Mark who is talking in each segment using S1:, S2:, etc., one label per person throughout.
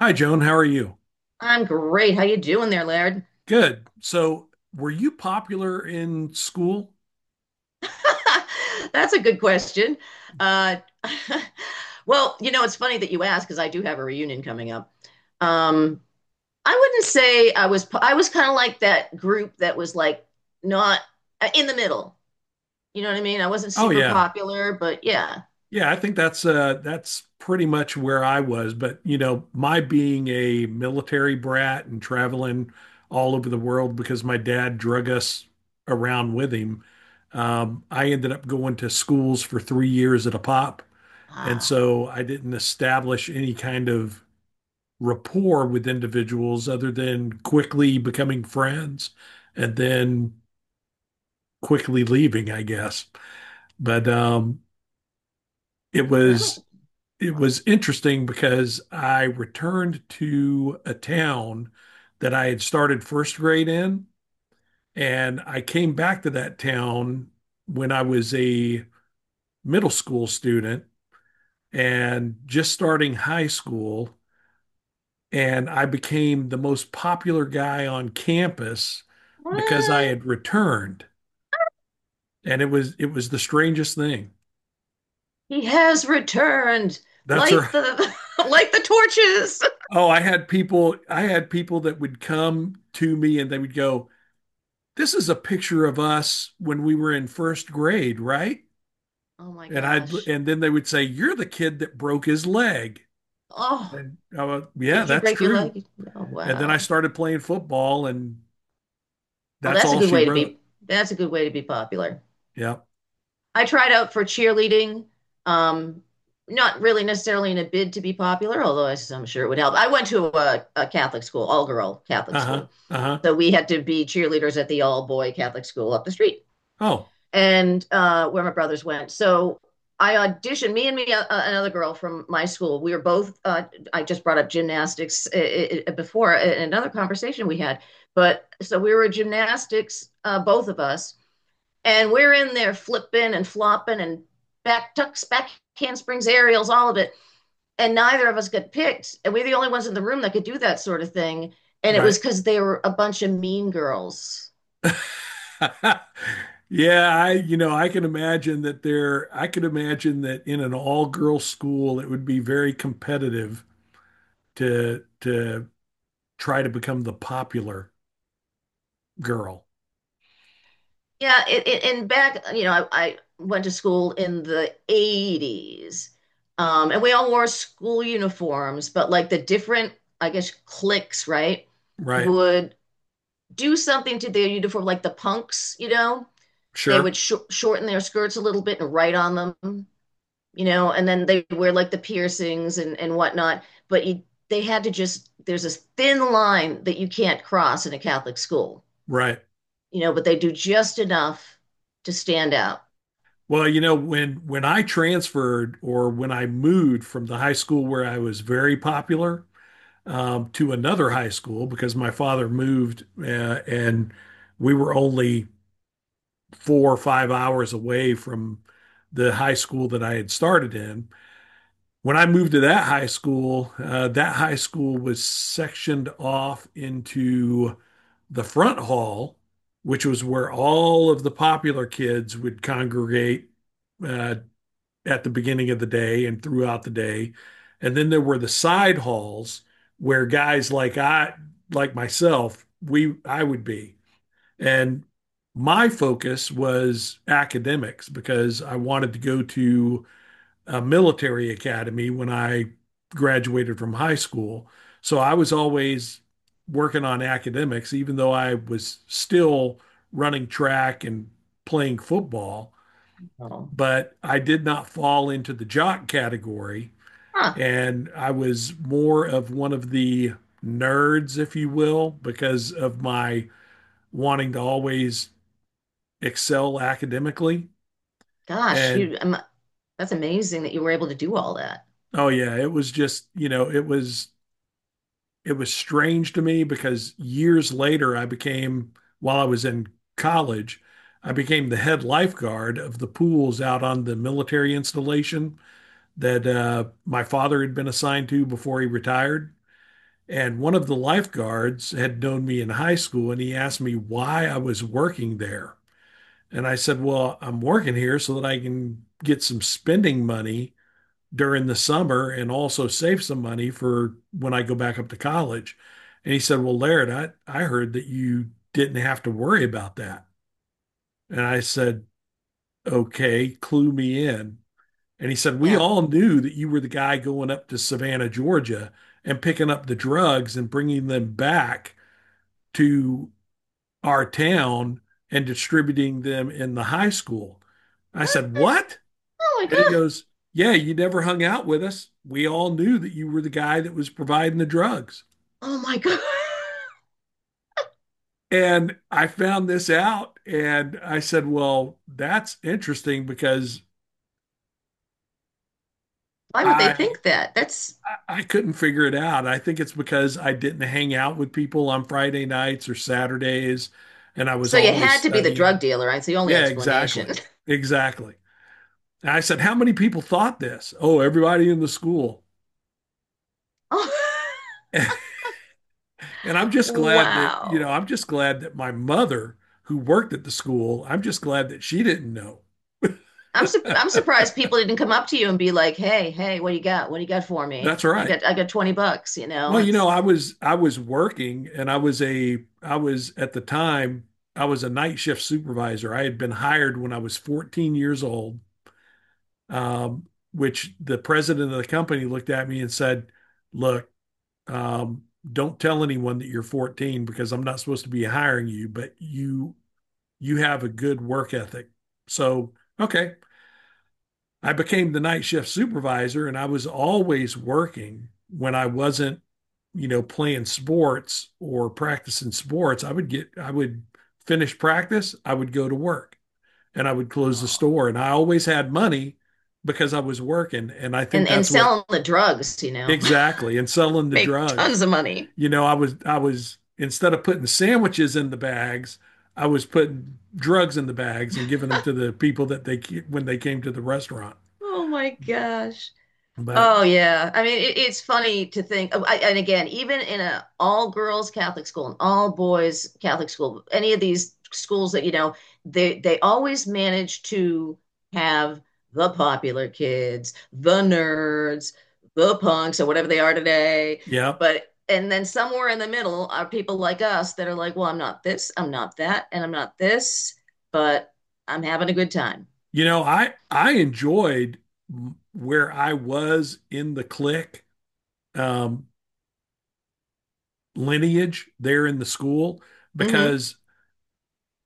S1: Hi, Joan. How are you?
S2: I'm great. How you doing there, Laird?
S1: Good. So, were you popular in school?
S2: That's a good question. Uh, well, you know, it's funny that you ask because I do have a reunion coming up. Um, I wouldn't say I was. I was kind of like that group that was like not in the middle. You know what I mean? I wasn't
S1: Oh,
S2: super
S1: yeah.
S2: popular, but yeah.
S1: Yeah, I think that's pretty much where I was, but you know, my being a military brat and traveling all over the world because my dad drug us around with him, I ended up going to schools for 3 years at a pop. And
S2: Ah,
S1: so I didn't establish any kind of rapport with individuals other than quickly becoming friends and then quickly leaving, I guess. But it
S2: yeah, that must.
S1: was
S2: have
S1: it
S2: been.
S1: was interesting because I returned to a town that I had started first grade in, and I came back to that town when I was a middle school student and just starting high school. And I became the most popular guy on campus because I
S2: What?
S1: had returned. And it was the strangest thing.
S2: He has returned.
S1: That's right.
S2: Light the light the torches.
S1: Oh, I had people that would come to me and they would go, "This is a picture of us when we were in first grade, right?"
S2: Oh my
S1: And I'd
S2: gosh.
S1: and then they would say, "You're the kid that broke his leg."
S2: Oh.
S1: And I was, "Yeah,
S2: Did you
S1: that's
S2: break your
S1: true."
S2: leg? Oh,
S1: And then I
S2: wow.
S1: started playing football and
S2: Oh,
S1: that's
S2: that's a
S1: all
S2: good
S1: she
S2: way to
S1: wrote.
S2: be. That's a good way to be popular.
S1: Yeah.
S2: I tried out for cheerleading. Um, Not really necessarily in a bid to be popular, although I am sure it would help. I went to a Catholic school, all girl Catholic
S1: Uh-huh.
S2: school.
S1: Uh-huh.
S2: So we had to be cheerleaders at the all boy Catholic school up the street,
S1: Oh,
S2: and where my brothers went. So I auditioned. Me and me another girl from my school. We were both. I just brought up gymnastics before in another conversation we had. But so we were gymnastics, both of us, and we're in there flipping and flopping and back tucks, back handsprings, aerials, all of it. And neither of us got picked. And we're the only ones in the room that could do that sort of thing. And it was
S1: right.
S2: because they were a bunch of mean girls.
S1: Yeah, you know, I could imagine that in an all-girl school, it would be very competitive to try to become the popular girl,
S2: Yeah, and back, you know, I went to school in the 80s. And we all wore school uniforms, but like the different, I guess, cliques, right,
S1: right?
S2: would do something to their uniform, like the punks, you know, they would
S1: Sure,
S2: sh shorten their skirts a little bit and write on them, you know, and then they wear like the piercings and whatnot. But you, they had to just, there's this thin line that you can't cross in a Catholic school,
S1: right.
S2: you know, but they do just enough to stand out.
S1: Well, you know, when I transferred or when I moved from the high school where I was very popular to another high school because my father moved and we were only 4 or 5 hours away from the high school that I had started in. When I moved to that high school was sectioned off into the front hall, which was where all of the popular kids would congregate uh, at the beginning of the day and throughout the day. And then there were the side halls where like myself, we I would be, and my focus was academics because I wanted to go to a military academy when I graduated from high school. So I was always working on academics, even though I was still running track and playing football.
S2: Oh.
S1: But I did not fall into the jock category.
S2: Huh.
S1: And I was more of one of the nerds, if you will, because of my wanting to always excel academically.
S2: Gosh,
S1: And
S2: you that's amazing that you were able to do all that.
S1: oh yeah, it was just, you know, it was strange to me because years later I became, while I was in college, I became the head lifeguard of the pools out on the military installation that my father had been assigned to before he retired. And one of the lifeguards had known me in high school and he asked me why I was working there. And I said, well, I'm working here so that I can get some spending money during the summer and also save some money for when I go back up to college. And he said, well, Laird, I heard that you didn't have to worry about that. And I said, okay, clue me in. And he said, we
S2: Yeah.
S1: all knew that you were the guy going up to Savannah, Georgia and picking up the drugs and bringing them back to our town and distributing them in the high school. I
S2: What?
S1: said, what?
S2: Oh my
S1: And he
S2: God.
S1: goes, yeah, you never hung out with us. We all knew that you were the guy that was providing the drugs.
S2: Oh my God.
S1: And I found this out and I said, well, that's interesting because
S2: Why would they
S1: I
S2: think that? That's—
S1: I couldn't figure it out. I think it's because I didn't hang out with people on Friday nights or Saturdays and I was
S2: so you
S1: always
S2: had to be the
S1: studying.
S2: drug dealer, right? It's the only
S1: Yeah, exactly.
S2: explanation.
S1: Exactly. And I said, how many people thought this? Oh, everybody in the school. And I'm just
S2: Oh,
S1: glad that, you know,
S2: wow.
S1: I'm just glad that my mother, who worked at the school, I'm just glad that she didn't know.
S2: I'm surprised people didn't come up to you and be like, "Hey, hey, what do you got? What do you got for
S1: That's
S2: me?
S1: right.
S2: I got 20 bucks, you know."
S1: Well, you
S2: It's—
S1: know, I was working and I was, at the time, I was a night shift supervisor. I had been hired when I was 14 years old, um, which the president of the company looked at me and said, "Look, um, don't tell anyone that you're 14 because I'm not supposed to be hiring you, but you have a good work ethic. So, okay, I became the night shift supervisor and I was always working when I wasn't, you know, playing sports or practicing sports. I would finish practice, I would go to work and I would close the
S2: oh.
S1: store. And I always had money because I was working. And I think
S2: And
S1: that's what,
S2: selling the drugs, you know.
S1: exactly, and selling the
S2: Make
S1: drugs.
S2: tons of money.
S1: You know, I was, instead of putting sandwiches in the bags, I was putting drugs in the bags and giving them to the people that they ke- when they came to the restaurant.
S2: Oh my gosh.
S1: But
S2: Oh yeah. I mean, it's funny to think, oh, I, and again, even in a all girls Catholic school and all boys Catholic school, any of these schools that, you know, they always manage to have the popular kids, the nerds, the punks, or whatever they are today.
S1: yeah,
S2: But and then somewhere in the middle are people like us that are like, well, I'm not this, I'm not that, and I'm not this, but I'm having a good time.
S1: you know, I enjoyed where I was in the clique um, lineage there in the school,
S2: Mm-hmm.
S1: because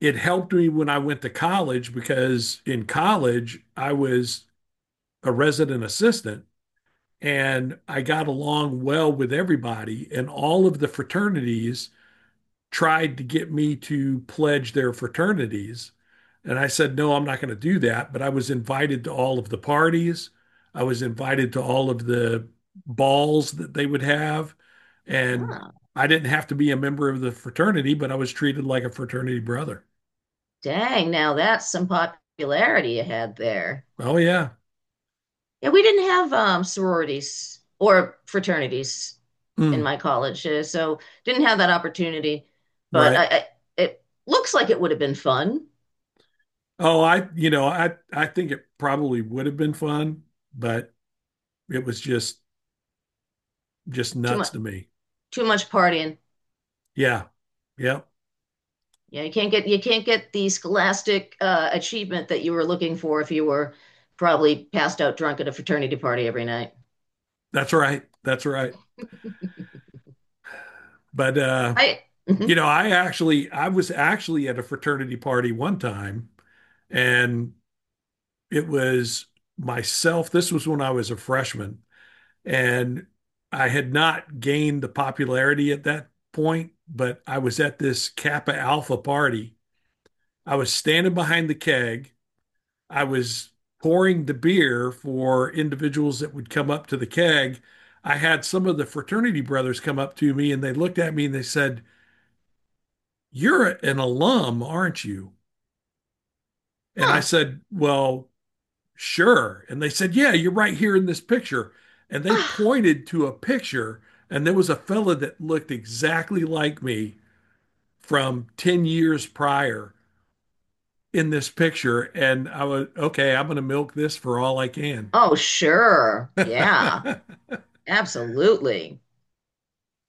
S1: it helped me when I went to college because in college I was a resident assistant and I got along well with everybody, and all of the fraternities tried to get me to pledge their fraternities. And I said, no, I'm not going to do that. But I was invited to all of the parties. I was invited to all of the balls that they would have. And
S2: Ah.
S1: I didn't have to be a member of the fraternity, but I was treated like a fraternity brother.
S2: Dang, now that's some popularity you had there.
S1: Oh, yeah.
S2: Yeah, we didn't have sororities or fraternities in
S1: Mm,
S2: my college, so didn't have that opportunity. But
S1: right.
S2: it looks like it would have been fun.
S1: Oh, you know, I think it probably would have been fun, but it was just
S2: Too
S1: nuts
S2: much,
S1: to me.
S2: too much partying.
S1: Yeah. Yeah.
S2: Yeah, you can't get the scholastic achievement that you were looking for if you were probably passed out drunk at a fraternity party every night.
S1: That's right. That's right. But
S2: I—
S1: you
S2: mhm.
S1: know, I was actually at a fraternity party one time and it was myself. This was when I was a freshman and I had not gained the popularity at that point, but I was at this Kappa Alpha party. I was standing behind the keg. I was pouring the beer for individuals that would come up to the keg. I had some of the fraternity brothers come up to me and they looked at me and they said, you're an alum, aren't you? And I
S2: Huh?
S1: said, well, sure. And they said, yeah, you're right here in this picture. And they
S2: Ah.
S1: pointed to a picture, and there was a fella that looked exactly like me from 10 years prior in this picture. And I was, okay, I'm going to milk this for all I can.
S2: Oh, sure. Yeah, absolutely.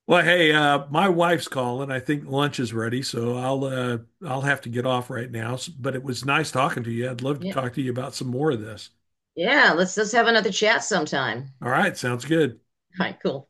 S1: Well, hey, my wife's calling. I think lunch is ready, so I'll have to get off right now. S- But it was nice talking to you. I'd love to talk to you about some more of this.
S2: Yeah, let's have another chat sometime.
S1: All right, sounds good.
S2: All right, cool.